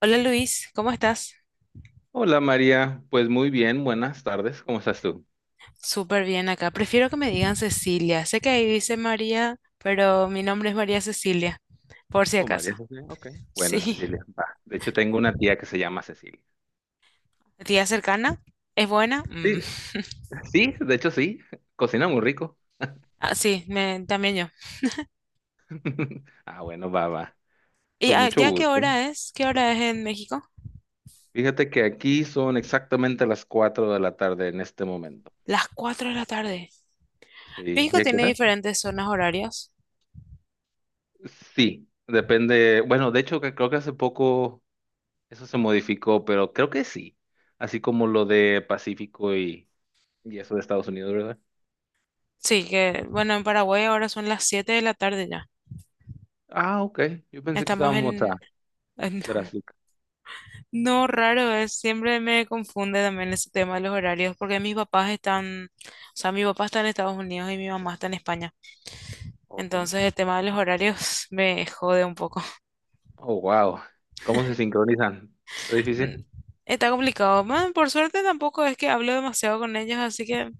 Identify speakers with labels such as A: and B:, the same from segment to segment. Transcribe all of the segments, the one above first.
A: Hola Luis, ¿cómo estás?
B: Hola María, pues muy bien, buenas tardes, ¿cómo estás tú?
A: Súper bien acá. Prefiero que me digan Cecilia. Sé que ahí dice María, pero mi nombre es María Cecilia, por si
B: Oh, María
A: acaso.
B: Cecilia, ok. Bueno,
A: Sí.
B: Cecilia, va. De hecho, tengo una tía que se llama Cecilia.
A: ¿Tía cercana? ¿Es buena?
B: Sí,
A: Mm.
B: sí, de hecho sí, cocina muy rico.
A: Ah, sí, también yo.
B: Ah, bueno, va, va.
A: ¿Y
B: Pues mucho
A: ya qué
B: gusto.
A: hora es? ¿Qué hora es en México?
B: Fíjate que aquí son exactamente las 4 de la tarde en este momento.
A: Las 4 de la tarde.
B: Sí,
A: México
B: ¿y a qué
A: tiene
B: hora?
A: diferentes zonas horarias.
B: Sí, depende. Bueno, de hecho, que creo que hace poco eso se modificó, pero creo que sí. Así como lo de Pacífico y eso de Estados Unidos, ¿verdad?
A: Sí, que bueno, en Paraguay ahora son las 7 de la tarde ya.
B: Ah, ok. Yo pensé que
A: Estamos
B: estábamos a
A: en, en
B: Strasbourg.
A: No, raro, es, siempre me confunde también ese tema de los horarios, porque mis papás están, o sea, mi papá está en Estados Unidos y mi mamá está en España.
B: Oh, sí.
A: Entonces el tema de los horarios me jode un poco.
B: Oh, wow. ¿Cómo se sincronizan? ¿Es difícil?
A: Mm, Está complicado. Man, por suerte tampoco es que hablo demasiado con ellos, así que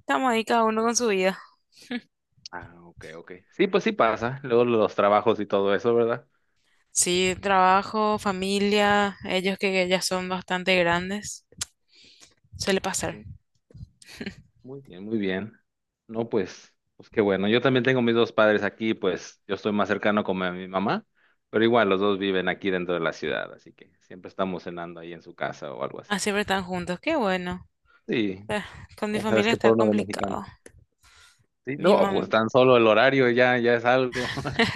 A: estamos ahí cada uno con su vida.
B: Ah, ok, ok. Sí, pues sí pasa. Luego los trabajos y todo eso, ¿verdad?
A: Sí, trabajo, familia, ellos que ya son bastante grandes, suele pasar.
B: Sí. Muy bien, muy bien. No, pues, pues qué bueno. Yo también tengo mis dos padres aquí, pues yo estoy más cercano con mi mamá, pero igual los dos viven aquí dentro de la ciudad, así que siempre estamos cenando ahí en su casa o algo así.
A: Ah, siempre están juntos, qué bueno.
B: Sí,
A: Eh, Con mi
B: ya sabes
A: familia
B: que
A: está
B: por uno de mexicano.
A: complicado.
B: Sí,
A: Mi
B: no,
A: mamá.
B: pues tan solo el horario ya, ya es algo.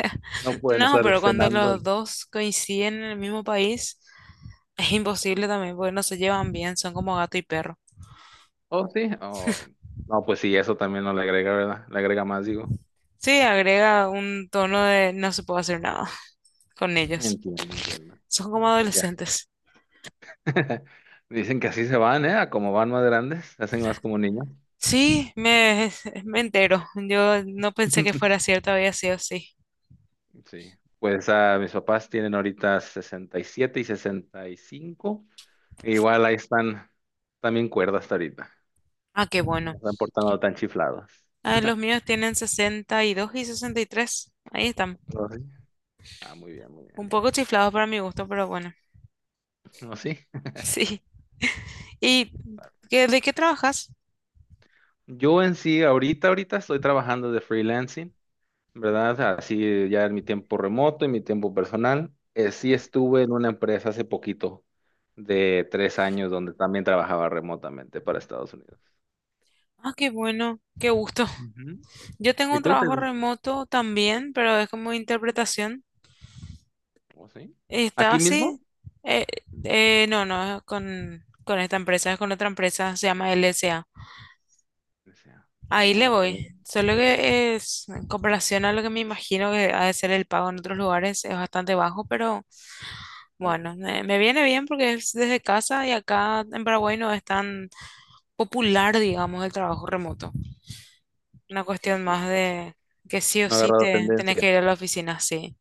B: No pueden
A: No,
B: estar
A: pero cuando
B: cenando.
A: los
B: En-
A: dos coinciden en el mismo país, es imposible también, porque no se llevan bien, son como gato y perro.
B: Oh, sí. Oh, no, pues sí, eso también no le agrega, ¿verdad? Le agrega más, digo.
A: Sí, agrega un tono de no se puede hacer nada con ellos.
B: Entiendo, entiendo.
A: Son como
B: No, pues ya.
A: adolescentes.
B: Dicen que así se van, ¿eh? A como van más grandes, se hacen más como niños.
A: Sí, me entero. Yo no pensé que fuera cierto, había sido así.
B: Sí. Pues mis papás tienen ahorita 67 y 65. Igual ahí están también cuerdas hasta ahorita.
A: Ah, qué bueno.
B: No están portando tan chiflados.
A: Ah, los míos tienen 62 y 63. Ahí están.
B: Oh, sí. Ah, muy bien, muy
A: Un
B: bien.
A: poco chiflados para mi gusto, pero bueno.
B: No, sí.
A: Sí. ¿Y de qué trabajas?
B: Yo en sí, ahorita estoy trabajando de freelancing. ¿Verdad? O sea, así ya en mi tiempo remoto y mi tiempo personal. Sí estuve en una empresa hace poquito de 3 años donde también trabajaba remotamente para Estados Unidos.
A: Ah, qué bueno, qué gusto.
B: Ujú.
A: Yo tengo
B: ¿Y
A: un
B: tú te...
A: trabajo remoto también, pero es como interpretación.
B: ¿Oh, sí?
A: Está
B: ¿Aquí mismo?
A: así. Eh, no, no, es con esta empresa, es con otra empresa, se llama LSA.
B: Decía,
A: Ahí le
B: "Oh, ok,
A: voy. Solo que es, en comparación a lo que me imagino que ha de ser el pago en otros lugares, es bastante bajo, pero
B: ok.
A: bueno, me viene bien porque es desde casa y acá en Paraguay no es tan popular, digamos, el trabajo remoto. Una cuestión más
B: Entiendo.
A: de que sí o
B: No he
A: sí
B: agarrado
A: te tenés
B: tendencia.
A: que ir a la oficina, sí.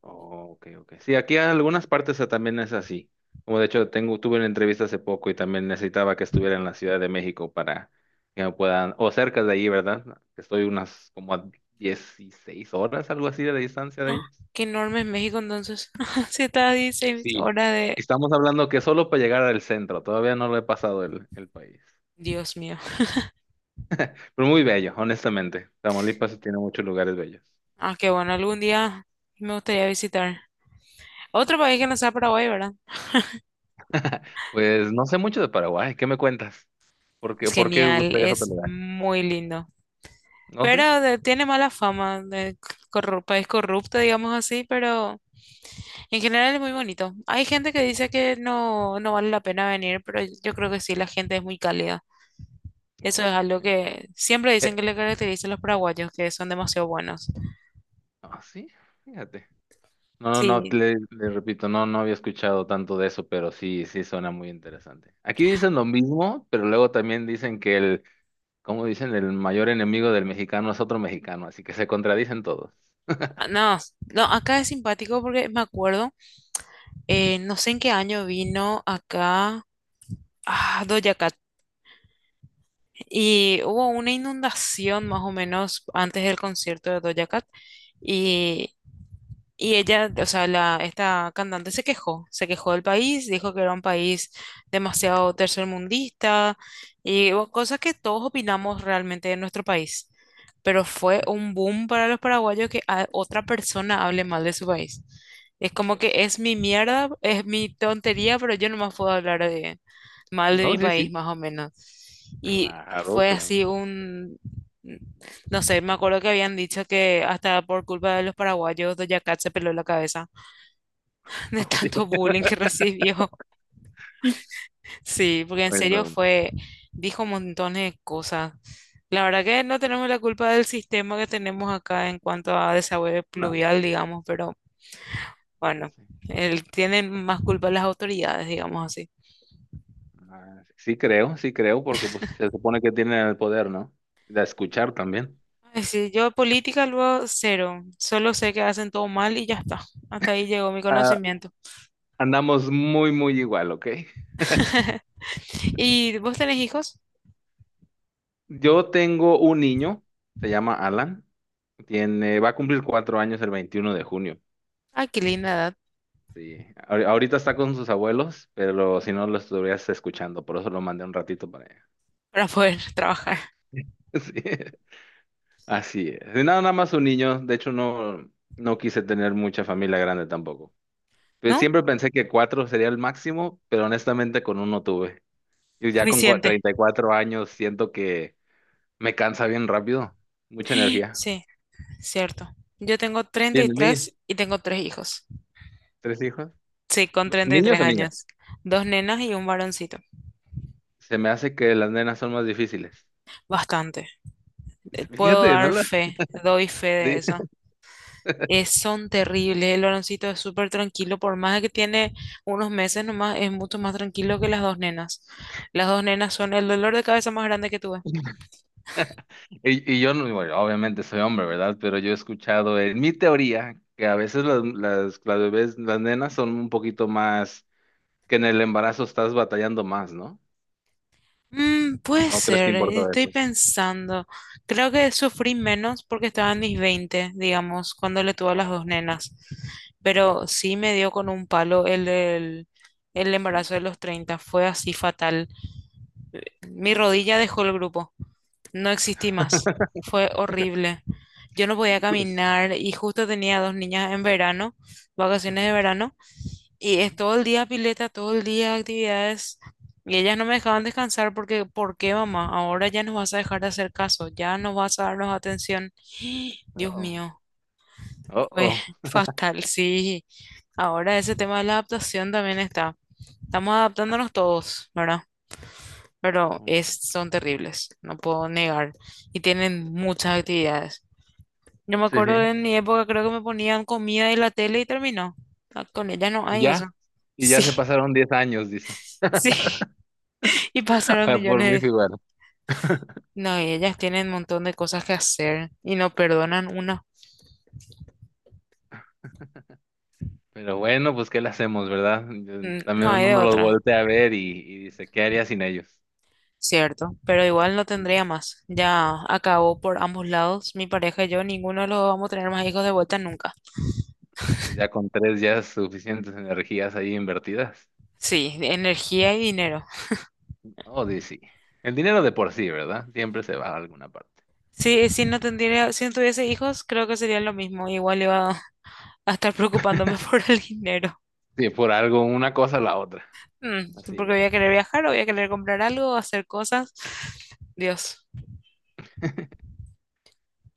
B: Oh, ok, ok. Sí, aquí en algunas partes también es así. Como de hecho, tengo, tuve una entrevista hace poco y también necesitaba que estuviera en la Ciudad de México para que me puedan, o cerca de ahí, ¿verdad? Que estoy unas como a 16 horas, algo así de distancia de
A: ¡Ah!
B: ellos.
A: Qué enorme es México entonces. Se está a 16
B: Sí.
A: horas de...
B: Estamos hablando que solo para llegar al centro, todavía no lo he pasado el país.
A: Dios mío.
B: Pero muy bello, honestamente. Tamaulipas tiene muchos lugares bellos.
A: Ah, qué bueno, algún día me gustaría visitar. Otro país que no sea Paraguay, ¿verdad?
B: Pues no sé mucho de Paraguay, ¿qué me cuentas?
A: Es
B: Por qué
A: genial,
B: buscarías otro
A: es
B: lugar?
A: muy lindo.
B: ¿No sé?
A: Pero tiene mala fama, de país corrupto, digamos así, pero en general es muy bonito. Hay gente que dice que no, no vale la pena venir, pero yo creo que sí, la gente es muy cálida. Eso
B: No,
A: es
B: sí.
A: algo
B: Entiendo.
A: que siempre dicen que
B: Eh,
A: le caracteriza a los paraguayos, que son demasiado buenos.
B: Ah, sí, fíjate. No, no, no, te-
A: Sí,
B: le repito, no, no había escuchado tanto de eso, pero sí, sí suena muy interesante. Aquí dicen lo mismo, pero luego también dicen que el, como dicen, el mayor enemigo del mexicano es otro mexicano, así que se contradicen todos.
A: ah, no, no, acá es simpático porque me acuerdo, no sé en qué año vino acá Doja Cat y hubo una inundación más o menos antes del concierto de Doja Cat y ella, o sea, la, esta cantante se quejó del país, dijo que era un país demasiado tercermundista y bueno, cosas que todos opinamos realmente de nuestro país. Pero fue un boom para los paraguayos que otra persona hable mal de su país. Es como
B: Pues
A: que es
B: sí.
A: mi mierda, es mi tontería, pero yo nomás puedo hablar mal de
B: No,
A: mi
B: sí,
A: país,
B: sí.
A: más o menos. Y
B: Claro,
A: fue
B: claro.
A: así un... No sé, me acuerdo que habían dicho que hasta por culpa de los paraguayos, Doja Cat se peló la cabeza de tanto bullying que recibió. Sí, porque en serio
B: Bueno,
A: fue, dijo montones de cosas. La verdad que no tenemos la culpa del sistema que tenemos acá en cuanto a desagüe
B: no.
A: pluvial, digamos, pero
B: Sí, sí,
A: bueno,
B: sí.
A: él, tienen más culpa las autoridades, digamos así.
B: Ah, sí creo, porque pues se supone que tienen el poder, ¿no? De escuchar también.
A: Ay, sí, yo política luego cero, solo sé que hacen todo mal y ya está. Hasta ahí llegó mi
B: Ah,
A: conocimiento.
B: andamos muy, muy igual, ¿ok?
A: ¿Y vos tenés hijos?
B: Yo tengo un niño, se llama Alan, tiene, va a cumplir 4 años el 21 de junio.
A: Ay, qué linda edad.
B: Sí, ahorita está con sus abuelos, pero si no lo estuvieras escuchando, por eso lo mandé un ratito para allá.
A: Para poder trabajar,
B: Sí, así es. Y nada, nada más un niño, de hecho no, no quise tener mucha familia grande tampoco. Pues
A: ¿no?
B: siempre pensé que cuatro sería el máximo, pero honestamente con uno tuve. Yo ya con
A: Suficiente.
B: 34 años siento que me cansa bien rápido, mucha energía.
A: Sí, cierto. Yo tengo treinta y
B: ¿Tienes niños,
A: tres y tengo tres hijos.
B: ¿tres hijos?
A: Sí, con treinta y
B: ¿Niños
A: tres
B: o
A: años.
B: niñas?
A: Dos nenas y un varoncito.
B: Se me hace que las nenas son más difíciles.
A: Bastante. Puedo
B: Fíjate, no
A: dar
B: las...
A: fe, doy fe
B: de-
A: de eso. Son terribles. El varoncito es súper tranquilo, por más de que tiene unos meses nomás, es mucho más tranquilo que las dos nenas. Las dos nenas son el dolor de cabeza más grande que tuve.
B: Y yo, no- bueno, obviamente soy hombre, ¿verdad? Pero yo he escuchado en mi teoría que a veces las bebés, las nenas son un poquito más, que en el embarazo estás batallando más, ¿no?
A: Mm,
B: ¿O
A: puede
B: no crees que
A: ser,
B: importa
A: estoy
B: eso?
A: pensando. Creo que sufrí menos porque estaba en mis veinte, digamos, cuando le tuve a las dos
B: Oh, ok,
A: nenas.
B: sí.
A: Pero sí me dio con un palo el
B: Oh, sí.
A: embarazo de los 30. Fue así fatal. Mi
B: No, pues.
A: rodilla dejó el grupo. No existí más. Fue horrible. Yo no podía
B: Hijo de su-
A: caminar y justo tenía dos niñas en verano, vacaciones de
B: Ujú,
A: verano. Y es
B: ujú.
A: todo el día pileta, todo el día actividades. Y ellas no me dejaban descansar porque, ¿por qué, mamá? Ahora ya nos vas a dejar de hacer caso, ya no vas a darnos atención. Dios
B: Uh-oh.
A: mío, fue
B: Uh-oh.
A: fatal, sí. Ahora ese tema de la adaptación también está. Estamos adaptándonos todos, ¿verdad? Pero
B: Oh,
A: es,
B: wow.
A: son terribles, no puedo negar. Y tienen muchas actividades. Yo me
B: Sí,
A: acuerdo
B: sí.
A: de en mi época, creo que me ponían comida y la tele y terminó. Ah, con ellas no hay
B: Ya.
A: eso.
B: Y ya se
A: Sí,
B: pasaron 10 años, dices.
A: sí. Y pasaron
B: Por mi
A: millones.
B: figura.
A: No, y ellas tienen un montón de cosas que hacer y no perdonan una.
B: Pero bueno, pues ¿qué le hacemos, verdad? Yo-
A: Mm, no
B: También
A: hay de
B: uno los
A: otra,
B: voltea a ver y dice, ¿qué haría sin ellos?
A: cierto. Pero igual no tendría
B: Mm,
A: más. Ya acabó por ambos lados. Mi pareja y yo, ninguno de los dos vamos a tener más hijos de vuelta nunca.
B: pues ya con tres ya es suficientes energías ahí invertidas.
A: Sí, de energía y dinero.
B: Oh, sí. El dinero de por sí, ¿verdad? Siempre se va a alguna parte.
A: Sí, si no tendría, si no tuviese hijos, creo que sería lo mismo. Igual iba a estar preocupándome por el dinero.
B: Sí, por algo, una cosa o la otra.
A: Mm,
B: Así
A: porque
B: es.
A: voy a querer viajar, o voy a querer comprar algo, hacer cosas. Dios.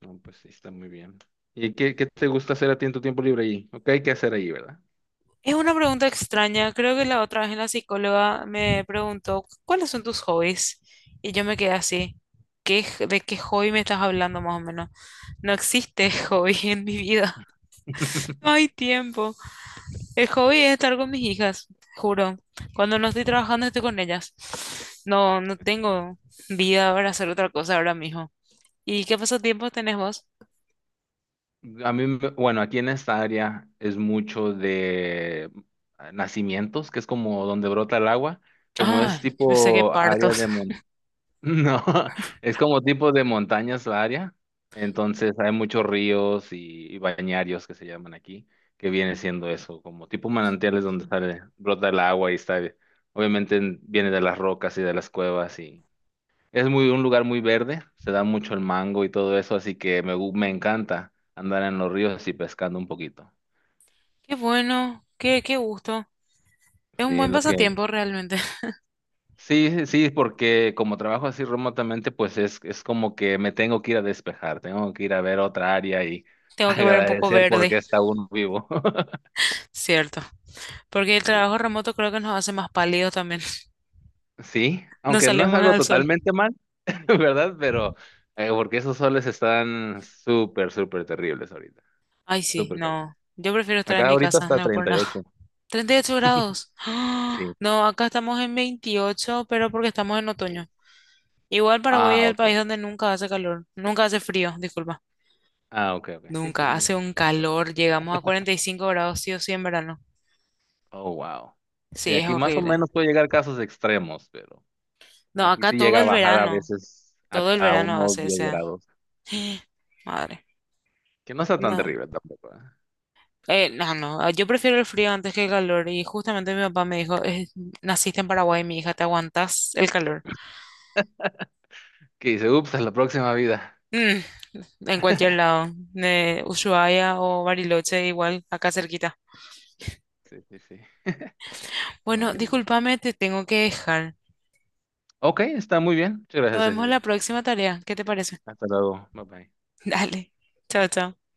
B: No, pues sí, está muy bien. ¿Y qué, qué te gusta hacer a ti en tu tiempo libre ahí? Ok, hay que hacer ahí, ¿verdad?
A: Es una pregunta extraña. Creo que la otra vez la psicóloga me preguntó, ¿cuáles son tus hobbies? Y yo me quedé así. ¿Qué, de qué hobby me estás hablando más o menos? No existe hobby en mi vida. No hay tiempo. El hobby es estar con mis hijas, juro. Cuando no estoy trabajando estoy con ellas. No, no tengo vida para hacer otra cosa ahora mismo. ¿Y qué pasatiempos tenés vos?
B: A mí, me- bueno, aquí en esta área es mucho de nacimientos, que es como donde brota el agua, como es
A: Ah, pensé que
B: tipo área
A: partos.
B: de mon- no, es como tipo de montañas la área, entonces hay muchos ríos y bañarios que se llaman aquí, que viene siendo eso, como tipo manantiales donde sale, brota el agua y está, obviamente viene de las rocas y de las cuevas y es muy un lugar muy verde, se da mucho el mango y todo eso, así que me, me encanta andar en los ríos así pescando un poquito.
A: Qué bueno, qué, qué gusto. Es un
B: Sí, es
A: buen
B: lo que
A: pasatiempo realmente.
B: sí, sí, sí, porque como trabajo así remotamente, pues es como que me tengo que ir a despejar, tengo que ir a ver otra área y
A: Tengo que ver un poco
B: agradecer
A: verde,
B: porque está uno vivo.
A: cierto. Porque el trabajo
B: Sí,
A: remoto creo que nos hace más pálidos también.
B: sí,
A: No
B: aunque no es
A: salimos
B: algo
A: al sol.
B: totalmente mal, ¿verdad? Pero porque esos soles están súper, súper terribles ahorita,
A: Ay, sí,
B: súper calientes.
A: no. Yo prefiero estar en
B: Acá
A: mi
B: ahorita
A: casa,
B: está
A: no es por
B: treinta y
A: nada.
B: ocho
A: 38 grados.
B: sí.
A: No, acá estamos en 28 pero porque estamos en otoño. Igual Paraguay
B: Ah,
A: es el país
B: ok.
A: donde nunca hace calor, nunca hace frío, disculpa.
B: Ah, ok, ok. Sí, pues
A: Nunca
B: muy.
A: hace un calor, llegamos a 45 grados sí o sí en verano.
B: Oh, wow. Sí,
A: Sí, es
B: aquí más o
A: horrible.
B: menos puede llegar casos extremos, pero
A: No,
B: aquí
A: acá
B: sí llega a bajar a veces
A: todo el
B: a
A: verano
B: unos
A: hace
B: 10
A: ese...
B: grados,
A: Madre.
B: que no está tan
A: No.
B: terrible tampoco. ¿Eh?
A: No, no, ah, yo prefiero el frío antes que el calor y justamente mi papá me dijo, "Es- naciste en Paraguay, mi hija, te aguantas el calor."
B: Que dice, ups, a la próxima vida.
A: Mm, en cualquier lado, de Ushuaia o Bariloche, igual, acá cerquita.
B: Sí, sí, sí. No,
A: Bueno,
B: muy bien.
A: discúlpame, te tengo que dejar.
B: Ok, está muy bien. Muchas
A: Nos
B: gracias,
A: vemos la
B: Cecilia.
A: próxima tarea, ¿qué te parece?
B: Hasta luego. Bye bye.
A: Dale, chao, chao.